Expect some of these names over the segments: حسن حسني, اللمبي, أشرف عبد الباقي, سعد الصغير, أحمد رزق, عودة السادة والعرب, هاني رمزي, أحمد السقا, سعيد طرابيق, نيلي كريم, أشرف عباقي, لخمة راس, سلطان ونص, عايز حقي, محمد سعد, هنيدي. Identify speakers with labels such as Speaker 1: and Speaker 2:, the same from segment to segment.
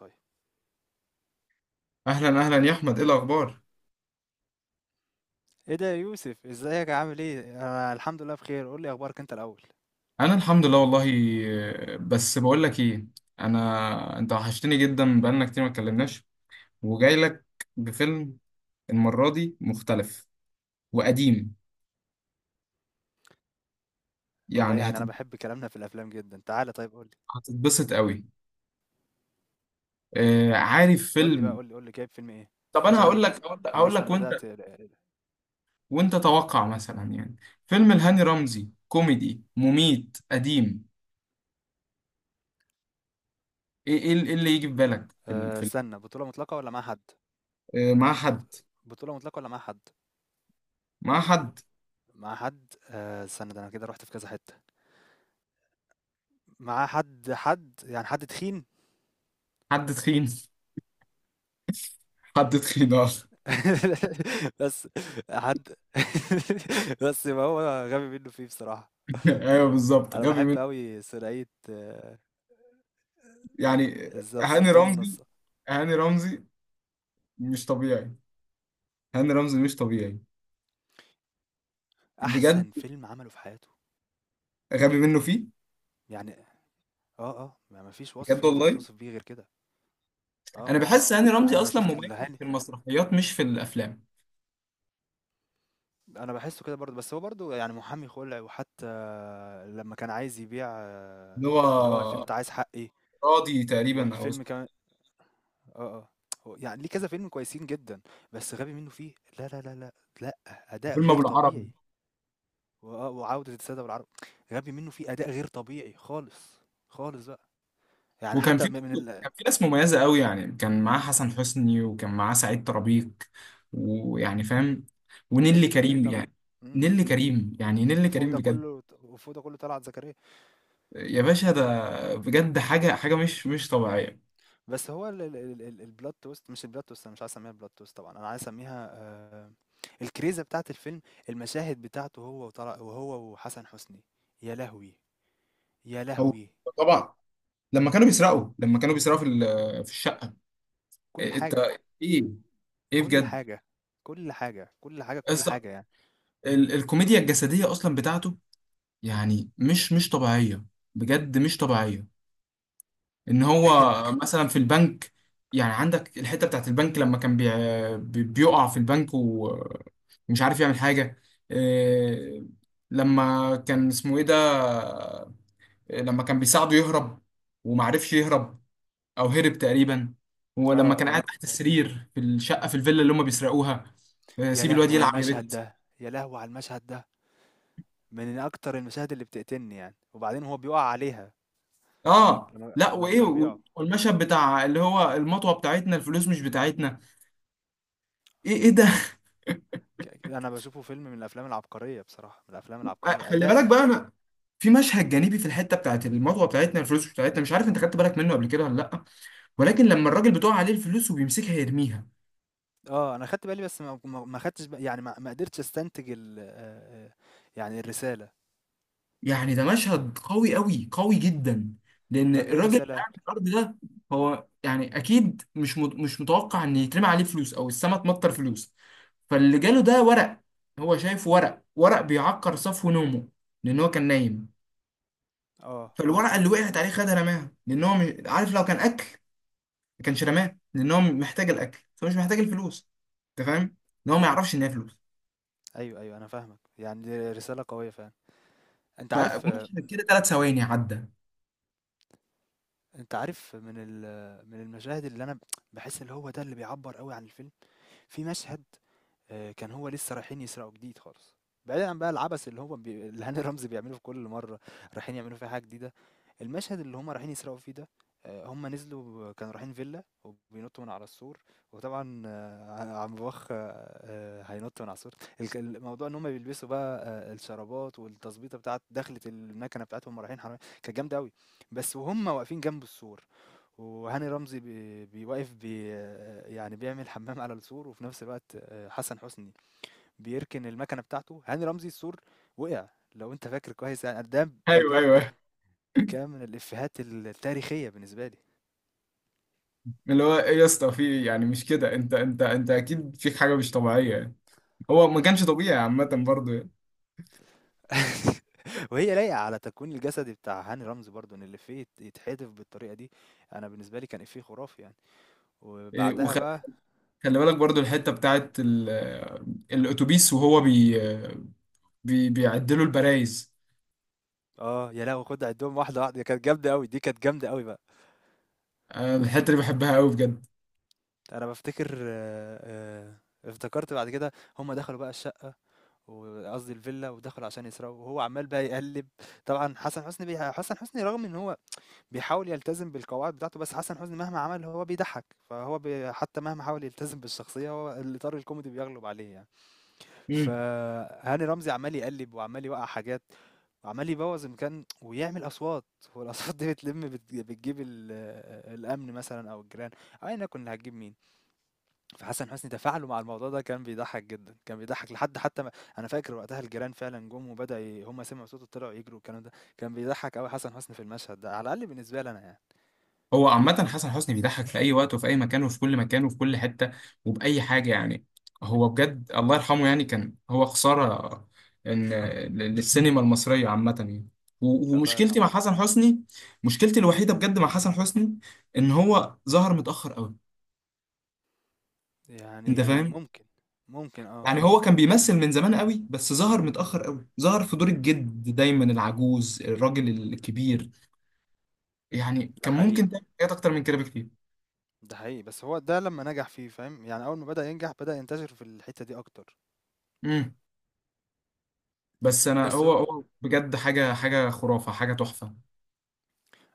Speaker 1: طيب.
Speaker 2: اهلا يا احمد، ايه الاخبار؟
Speaker 1: ايه ده يا يوسف، ازيك؟ عامل ايه؟ انا الحمد لله بخير. قول لي اخبارك انت الاول.
Speaker 2: انا الحمد لله والله. بس بقول لك ايه، انا انت وحشتني جدا، بقالنا كتير ما اتكلمناش، وجاي لك بفيلم. المره دي مختلف وقديم.
Speaker 1: والله
Speaker 2: يعني
Speaker 1: يعني
Speaker 2: هت-
Speaker 1: انا بحب كلامنا في الافلام جدا، تعالى طيب قول لي
Speaker 2: هتتبسط قوي. آه، عارف
Speaker 1: قول لي بقى،
Speaker 2: فيلم؟
Speaker 1: قول لي جايب فيلم ايه؟
Speaker 2: طب انا
Speaker 1: عشان
Speaker 2: هقول لك هقول لك
Speaker 1: انا
Speaker 2: هقول
Speaker 1: اصلا
Speaker 2: لك وانت،
Speaker 1: بدأت.
Speaker 2: وانت توقع مثلا يعني، فيلم لهاني رمزي كوميدي مميت قديم. ايه اللي يجي في بالك في ال... في ال...
Speaker 1: استنى، بطولة مطلقة ولا مع حد؟
Speaker 2: آه، مع حد.
Speaker 1: بط... بطولة مطلقة ولا مع حد؟
Speaker 2: مع حد،
Speaker 1: مع حد؟ استنى، ده انا كده رحت في كذا حتة. مع حد، يعني حد تخين.
Speaker 2: حد تخين. حد تخين، اه.
Speaker 1: بس حد. بس ما هو غبي منه فيه بصراحة.
Speaker 2: ايوه بالظبط،
Speaker 1: انا
Speaker 2: غبي
Speaker 1: بحب
Speaker 2: منه.
Speaker 1: قوي ثنائية
Speaker 2: يعني
Speaker 1: بالظبط
Speaker 2: هاني
Speaker 1: سلطان
Speaker 2: رمزي،
Speaker 1: ونص،
Speaker 2: هاني رمزي مش طبيعي. هاني رمزي مش طبيعي بجد.
Speaker 1: أحسن فيلم عمله في حياته.
Speaker 2: غبي منه فيه
Speaker 1: يعني ما فيش وصف
Speaker 2: بجد
Speaker 1: ينفع
Speaker 2: والله.
Speaker 1: توصف بيه غير كده.
Speaker 2: انا
Speaker 1: والله.
Speaker 2: بحس هاني رمزي
Speaker 1: يعني أنا
Speaker 2: اصلا
Speaker 1: شُفت
Speaker 2: مميز
Speaker 1: الهاني،
Speaker 2: في المسرحيات مش في الافلام.
Speaker 1: أنا باحسّه كده برضه، بس هو برضه يعني محامي خُلع، وحتى لمّا كان عايز يبيع
Speaker 2: اللي هو
Speaker 1: اللي هو الفيلم بتاع عايز حقّي،
Speaker 2: راضي تقريبا، او
Speaker 1: والفيلم
Speaker 2: اسمه
Speaker 1: كمان آه، آه، هو يعني ليه كذا فيلم كويسين جدًا، بس غبي منه فيه. لا، لا، لا، لأ، لأ. أداء
Speaker 2: فيلم ابو
Speaker 1: غير
Speaker 2: العربي.
Speaker 1: طبيعي، وآه وعودة السادة والعرب. غبي منه فيه أداء غير طبيعي خالص، خالص بقى. يعني
Speaker 2: وكان
Speaker 1: حتى
Speaker 2: في
Speaker 1: من
Speaker 2: كان في ناس مميزه قوي، يعني كان معاه حسن حسني، وكان معاه سعيد طرابيق، ويعني فاهم،
Speaker 1: أغنية
Speaker 2: ونيلي
Speaker 1: لكريم
Speaker 2: كريم.
Speaker 1: طبعًا.
Speaker 2: يعني
Speaker 1: إمم.
Speaker 2: نيلي كريم، يعني نيلي
Speaker 1: وفوق
Speaker 2: كريم
Speaker 1: ده
Speaker 2: بجد.
Speaker 1: كله، وفوق ده كله طلعت زكريا.
Speaker 2: يا باشا، ده بجد حاجة، حاجة مش طبيعية.
Speaker 1: بس هو البلوت توست، مش البلوت توست، انا مش عايز اسميها بلوت توست طبعا، انا عايز اسميها الكريزه بتاعت الفيلم، المشاهد بتاعته هو وطلع وهو وحسن حسني. يا لهوي، يا
Speaker 2: هو
Speaker 1: لهوي.
Speaker 2: طبعا لما كانوا بيسرقوا، لما كانوا بيسرقوا في الشقة.
Speaker 1: كل
Speaker 2: إيه، انت،
Speaker 1: حاجه،
Speaker 2: ايه، ايه
Speaker 1: كل
Speaker 2: بجد.
Speaker 1: حاجه، كل حاجه، كل حاجه، كل
Speaker 2: اصلا
Speaker 1: حاجه يعني.
Speaker 2: الكوميديا الجسدية اصلا بتاعته يعني مش طبيعية، بجد مش طبيعية. ان هو مثلا في البنك، يعني عندك الحتة بتاعت البنك لما كان بيقع في البنك ومش عارف يعمل حاجة. إيه، لما كان اسمه ايه ده، لما كان بيساعده يهرب ومعرفش يهرب، او هرب تقريبا، ولما
Speaker 1: اه
Speaker 2: كان قاعد
Speaker 1: اه.
Speaker 2: بالظبط تحت السرير في الشقه، في الفيلا اللي هم بيسرقوها. آه،
Speaker 1: يا
Speaker 2: سيب الواد
Speaker 1: لهو
Speaker 2: يا
Speaker 1: على
Speaker 2: يلعب، يا لهوي
Speaker 1: المشهد
Speaker 2: بت.
Speaker 1: ده، يا لهو على المشهد ده، من اكتر المشاهد اللي بتقتلني يعني. وبعدين هو بيقع عليها
Speaker 2: اه
Speaker 1: لما
Speaker 2: لا،
Speaker 1: لما
Speaker 2: وايه
Speaker 1: كانوا بيقعوا.
Speaker 2: والمشهد بتاع اللي هو المطوه بتاعتنا الفلوس مش بتاعتنا. ايه ايه ده.
Speaker 1: أنا باشوفه فيلم من الأفلام العبقرية بصراحة، من الأفلام
Speaker 2: آه،
Speaker 1: العبقرية،
Speaker 2: خلي
Speaker 1: أداء
Speaker 2: بالك بقى، انا في مشهد جانبي في الحته بتاعت المطوه بتاعتنا الفلوس مش بتاعتنا، مش عارف انت خدت بالك منه قبل كده ولا لا، ولكن لما الراجل بتقع عليه الفلوس وبيمسكها يرميها.
Speaker 1: أنا خدت بالي، بس ما خدتش يعني ما قدرتش أستنتج ال آآ، يعني الرسالة.
Speaker 2: يعني ده مشهد قوي قوي قوي جدا، لان
Speaker 1: طَب إيه
Speaker 2: الراجل اللي
Speaker 1: الرسالة؟
Speaker 2: قاعد في الارض ده هو يعني اكيد مش متوقع ان يترمي عليه فلوس او السما تمطر فلوس، فاللي جاله ده ورق. هو شايف ورق، ورق بيعكر صفو نومه لان هو كان نايم،
Speaker 1: آه،
Speaker 2: فالورقه اللي
Speaker 1: مضبوط.
Speaker 2: وقعت عليه خدها رماها، لان هو عارف لو كان اكل ما كانش رماها، لان هو محتاج الاكل فمش محتاج الفلوس. انت فاهم؟ ان هو ما يعرفش ان هي فلوس.
Speaker 1: أيوه، أيوه، أنا فاهمك، يعني دي رسالة قوية فعلًا. أنت عارف
Speaker 2: فمشهد كده 3 ثواني عدى.
Speaker 1: أنت عارف، من المشاهد اللي أنا باحس اللي هو ده اللي بيعبّر أوي عن الفيلم. في مشهد كان هو لسه رايحين يسرقوا جديد خالص، بعيدا عن بقى العبث اللي هو اللي هاني رمزي بيعمله في كل مره رايحين يعملوا فيها حاجه جديده. المشهد اللي هم رايحين يسرقوا فيه ده هم نزلوا كانوا رايحين فيلا وبينطوا من على السور. وطبعا عم بوخ هينط من على السور. الموضوع ان هم بيلبسوا بقى الشرابات والتظبيطه بتاعت دخلة المكنه بتاعتهم ورايحين حرامية، كانت جامده قوي. بس وهم واقفين جنب السور، وهاني رمزي بي- بيوقف بي يعني بيعمل حمام على السور، وفي نفس الوقت حسن حسني بيركن المكنه بتاعته، هاني رمزي السور وقع. لو انت فاكر كويس يعني، ده
Speaker 2: ايوه
Speaker 1: بجد
Speaker 2: ايوه
Speaker 1: كان من الافيهات التاريخيه بالنسبه لي.
Speaker 2: اللي هو ايه يا اسطى في إيه؟ يعني مش كده، انت اكيد فيك حاجه مش طبيعيه يعني. هو ما كانش طبيعي عامه برضه يعني.
Speaker 1: وهي لايقه على تكوين الجسدي بتاع هاني رمزي برضو، ان الافيه يتحذف بالطريقه دي. انا بالنسبه لي كان افيه خرافي يعني.
Speaker 2: إيه،
Speaker 1: وبعدها
Speaker 2: وخلي
Speaker 1: بقى
Speaker 2: بالك برضه الحته بتاعت الاتوبيس، وهو بي بي بيعدلوا البرايز.
Speaker 1: اه يا لهوي، خد عدهم واحده واحده، دي كانت جامده قوي، دي كانت جامده قوي بقى.
Speaker 2: أنا الحته دي بحبها قوي بجد.
Speaker 1: انا بفتكر افتكرت بعد كده هم دخلوا بقى الشقه، وقصدي الفيلا، ودخلوا عشان يسرقوا وهو عمال بقى يقلب. طبعا حسن حسني حسن حسني رغم ان هو بيحاول يلتزم بالقواعد بتاعته، بس حسن حسني مهما عمل هو بيضحك. فهو حتى مهما حاول يلتزم بالشخصيه، هو الاطار الكوميدي بيغلب عليه يعني. فهاني رمزي عمال يقلب وعمال يوقع حاجات، وعمال يبوظ المكان ويعمل اصوات، والاصوات دي بتلم، بتجيب الامن مثلا او الجيران، او ايا يكن اللي هتجيب مين. فحسن حسني تفاعله مع الموضوع ده كان بيضحّك جدًا، كان بيضحّك لحد حتى ما أنا فاكر وقتها الجيران فعلًا جُم وبدأوا هُم سمعوا صوته طلعوا يجروا والكلام ده. كان بيضحّك أوي حسن حسني في المشهد ده، على الأقل بالنسبة لي أنا يعني.
Speaker 2: هو عامة حسن حسني بيضحك في أي وقت وفي أي مكان وفي كل مكان وفي كل حتة وبأي حاجة يعني. هو بجد الله يرحمه، يعني كان هو خسارة إن، للسينما المصرية عامة يعني.
Speaker 1: الله
Speaker 2: ومشكلتي مع
Speaker 1: يرحمه.
Speaker 2: حسن حسني، مشكلتي الوحيدة بجد مع حسن حسني، إن هو ظهر متأخر أوي. أنت
Speaker 1: يعني
Speaker 2: فاهم؟
Speaker 1: ممكن، ممكن
Speaker 2: يعني هو كان بيمثل من زمان أوي، بس ظهر متأخر أوي، ظهر في دور الجد دايما، العجوز، الراجل الكبير. يعني
Speaker 1: ده
Speaker 2: كان
Speaker 1: حقيقي،
Speaker 2: ممكن تعمل حاجات أكتر من كده بكتير.
Speaker 1: ده حقيقي، بس هو ده لمّا نجح فيه فاهم، يعني أول ما بدأ ينجح بدأ ينتشر في الحتّة دي أكتر.
Speaker 2: امم. بس انا،
Speaker 1: بس ه
Speaker 2: هو، هو بجد حاجه خرافه، حاجه تحفه.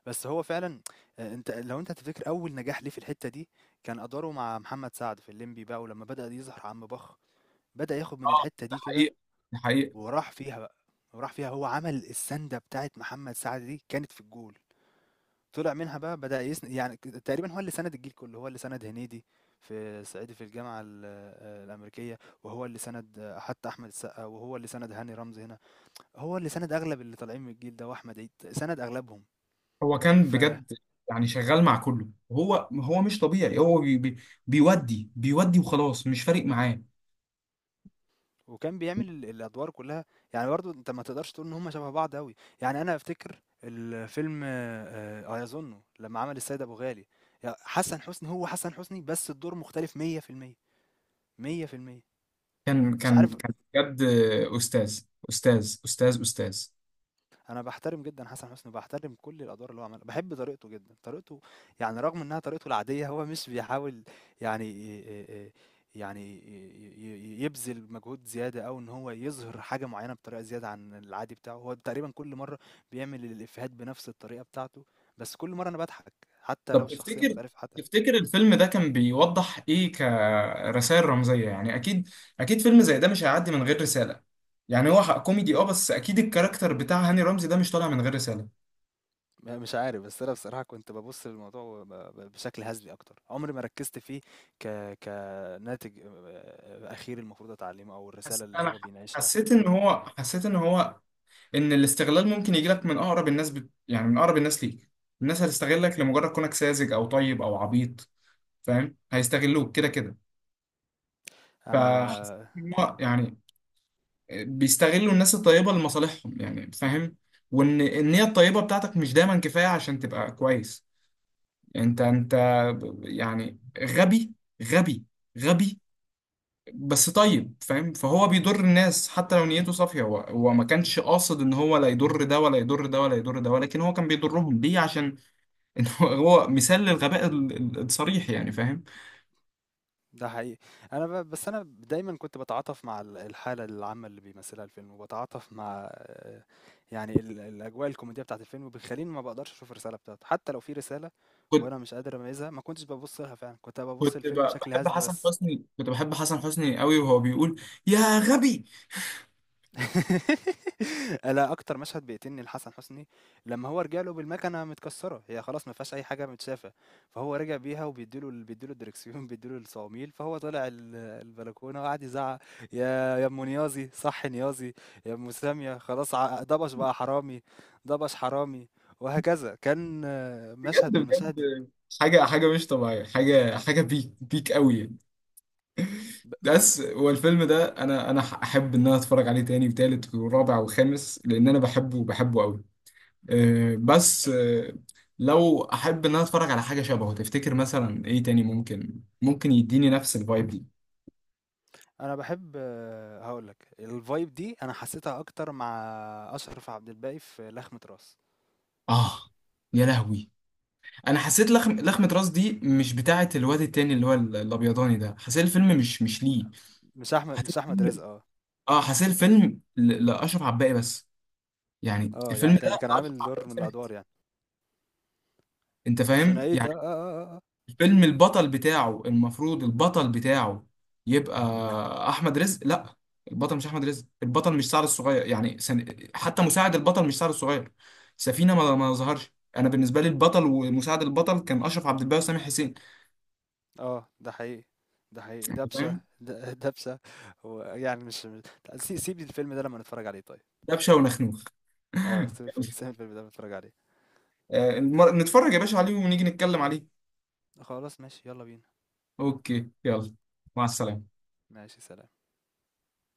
Speaker 1: بس هو فعلًا، لو أنت تفتكر أول نجاح ليه في الحتّة دي كان أدواره مع محمد سعد في اللمبي بقى، ولمّا بدأ يظهر عم بخ، بدأ ياخد من
Speaker 2: اه
Speaker 1: الحتّة
Speaker 2: ده
Speaker 1: دي كده
Speaker 2: حقيقه، ده حقيقه.
Speaker 1: وراح فيها بقى. وراح فيها هو، عمل السَنْدة بتاعة محمد سعد دي كانت في الجول، طلع منها بقى، بدأ يعني تقريبًا هو اللي سَنَد الجيل كُلّه، هو اللي سَنَد هنيدي في صعيدي في الجامعة ال الأمريكية، وهو اللي سَنَد حتى أحمد السقا، وهو اللي سَنَد هاني رمزي هنا، هو اللي سَنَد أغلب اللي طالعين من الجيل ده وأحمد عيد، سَنَد أغلبهم.
Speaker 2: هو كان
Speaker 1: ف
Speaker 2: بجد، يعني شغال مع كله. هو مش طبيعي. هو بي بي بيودي وخلاص، مش فارق معاه.
Speaker 1: وكان بيعمل الأدوار كلّها. يعني برضه أنت ما تقدرش تقول إن هُم شبه بعض أوي، يعني أنا أفتكر الفيلم أيَظُنُّ لمّا عمل السيد أبو غالي، حسن حسني هو حسن حسني، بس الدور مختلف 100%، 100%.
Speaker 2: كان
Speaker 1: مش
Speaker 2: كان
Speaker 1: عارف.
Speaker 2: كان بجد استاذ، استاذ.
Speaker 1: أنا باحترم جدًا حسن حسني، وباحترم كل الأدوار اللي هو عملها، باحب طريقته جدًا، طريقته يعني رغم إنها طريقته العادية، هو مش بيحاول، يعني يعني ي يبذل مجهود زيادة، أو إن هو يظهر حاجة معيّنة بطريقة زيادة عن العادي بتاعه. هو تقريبًا كل مرّة بيعمل الإفيهات بنفس الطريقة بتاعته، بس كل مرّة أنا باضحك، حتى لو
Speaker 2: طب
Speaker 1: الشخصية
Speaker 2: تفتكر،
Speaker 1: مختلفة حتى.
Speaker 2: تفتكر الفيلم ده كان بيوضح ايه كرسائل رمزيه؟ يعني اكيد، اكيد فيلم زي ده مش هيعدي من غير رساله. يعني هو حق كوميدي اه، بس اكيد الكاركتر بتاع هاني رمزي ده مش طالع من غير رساله.
Speaker 1: مش عارف، بس انا بصراحه كنت ببص للموضوع بشكل هزلي اكتر، عمري ما ركزت فيه ك كناتج اخير المفروض اتعلمه او الرساله
Speaker 2: حس...
Speaker 1: اللي
Speaker 2: انا
Speaker 1: هو
Speaker 2: ح-
Speaker 1: بيناقشها.
Speaker 2: حسيت ان هو حسيت ان هو، ان الاستغلال ممكن يجي لك من اقرب الناس يعني من اقرب الناس ليك. الناس هتستغلك لمجرد كونك ساذج او طيب او عبيط، فاهم، هيستغلوك كده كده. فحسيت
Speaker 1: انا
Speaker 2: ان هو يعني بيستغلوا الناس الطيبة لمصالحهم يعني، فاهم. وان النية الطيبة بتاعتك مش دايما كفاية عشان تبقى كويس، يعني انت، يعني غبي، غبي غبي، بس طيب، فاهم. فهو بيضر الناس حتى لو نيته صافية، هو ما كانش قاصد ان هو لا يضر ده ولا يضر ده ولا يضر ده، ولكن هو كان بيضرهم. ليه؟ عشان ان هو، هو مثال للغباء الصريح يعني، فاهم.
Speaker 1: ده حقيقي. بس انا دايما كنت بتعاطف مع الحاله العامه اللي بيمثلها الفيلم، وبتعاطف مع يعني الاجواء الكوميديه بتاعت الفيلم، وبيخليني ما بقدرش اشوف الرساله بتاعته، حتى لو في رساله
Speaker 2: كنت
Speaker 1: وانا مش قادر اميزها. ما كنتش ببص لها فعلا، كنت ببص للفيلم بشكل
Speaker 2: بحب
Speaker 1: هزلي
Speaker 2: حسن
Speaker 1: بس.
Speaker 2: حسني، كنت بحب حسن حسني قوي، وهو بيقول يا غبي.
Speaker 1: أنا أكتر مشهد بيقتلني لحسن حسني لمّا هو رجع له بالمكنة متكسّرة، هي خلاص ما فيهاش أي حاجة متشافة، فهو رجع بيها وبيدّي له بيدّي له الدركسيون، بيدّي له الصواميل، فهو طلع البلكونة وقعد يزعّق: "يا أم نيازي، صحّي نيازي، يا أم سامية خلاص، ع دبش بقى حرامي، دبش حرامي." وهكذا. كان مشهد
Speaker 2: بجد
Speaker 1: من المشاهد.
Speaker 2: بجد، حاجة حاجة مش طبيعية، حاجة حاجة بيك بيك قوي يعني.
Speaker 1: ب
Speaker 2: بس، والفيلم ده انا، انا احب ان انا اتفرج عليه تاني وتالت ورابع وخامس، لان انا بحبه، بحبه قوي. آه، بس آه، لو احب ان انا اتفرج على حاجه شبهه، تفتكر مثلا ايه تاني ممكن، ممكن يديني نفس الفايب دي؟
Speaker 1: أنا باحب. هاقول لك الvibe دي أنا حسّيتها أكتر مع أشرف عبد الباقي في لخمة راس.
Speaker 2: اه يا لهوي، انا حسيت لخمه راس دي مش بتاعه الواد التاني اللي هو الابيضاني ده. حسيت الفيلم مش، مش ليه. حسيت
Speaker 1: مش أحمد
Speaker 2: الفيلم،
Speaker 1: رزق
Speaker 2: اه، حسيت الفيلم لاشرف عباقي بس، يعني الفيلم
Speaker 1: يعني
Speaker 2: ده
Speaker 1: كان
Speaker 2: لاشرف
Speaker 1: عامل
Speaker 2: عباقي
Speaker 1: دور من الأدوار
Speaker 2: بس.
Speaker 1: يعني.
Speaker 2: انت فاهم؟
Speaker 1: ثنائية
Speaker 2: الفيلم، البطل بتاعه، المفروض البطل بتاعه يبقى احمد رزق، لا. البطل مش احمد رزق، البطل مش سعد الصغير يعني حتى مساعد البطل مش سعد الصغير. سفينة ما، ما ظهرش. انا بالنسبة لي البطل ومساعد البطل كان اشرف عبد الباقي وسامح حسين.
Speaker 1: ده حقيقي، ده حقيقي.
Speaker 2: أنت فاهم،
Speaker 1: دبشة دبشة. ويعني لأ، سيب لي الفيلم ده لما نتفرج عليه طيب.
Speaker 2: دبشة ونخنوخ.
Speaker 1: آه، سيب الفيلم ده لما نتفرج عليه.
Speaker 2: آه، نتفرج يا باشا عليه ونيجي نتكلم عليه.
Speaker 1: خلاص ماشي، يالّا بينا.
Speaker 2: اوكي يلا، مع السلامة.
Speaker 1: ماشي سلام.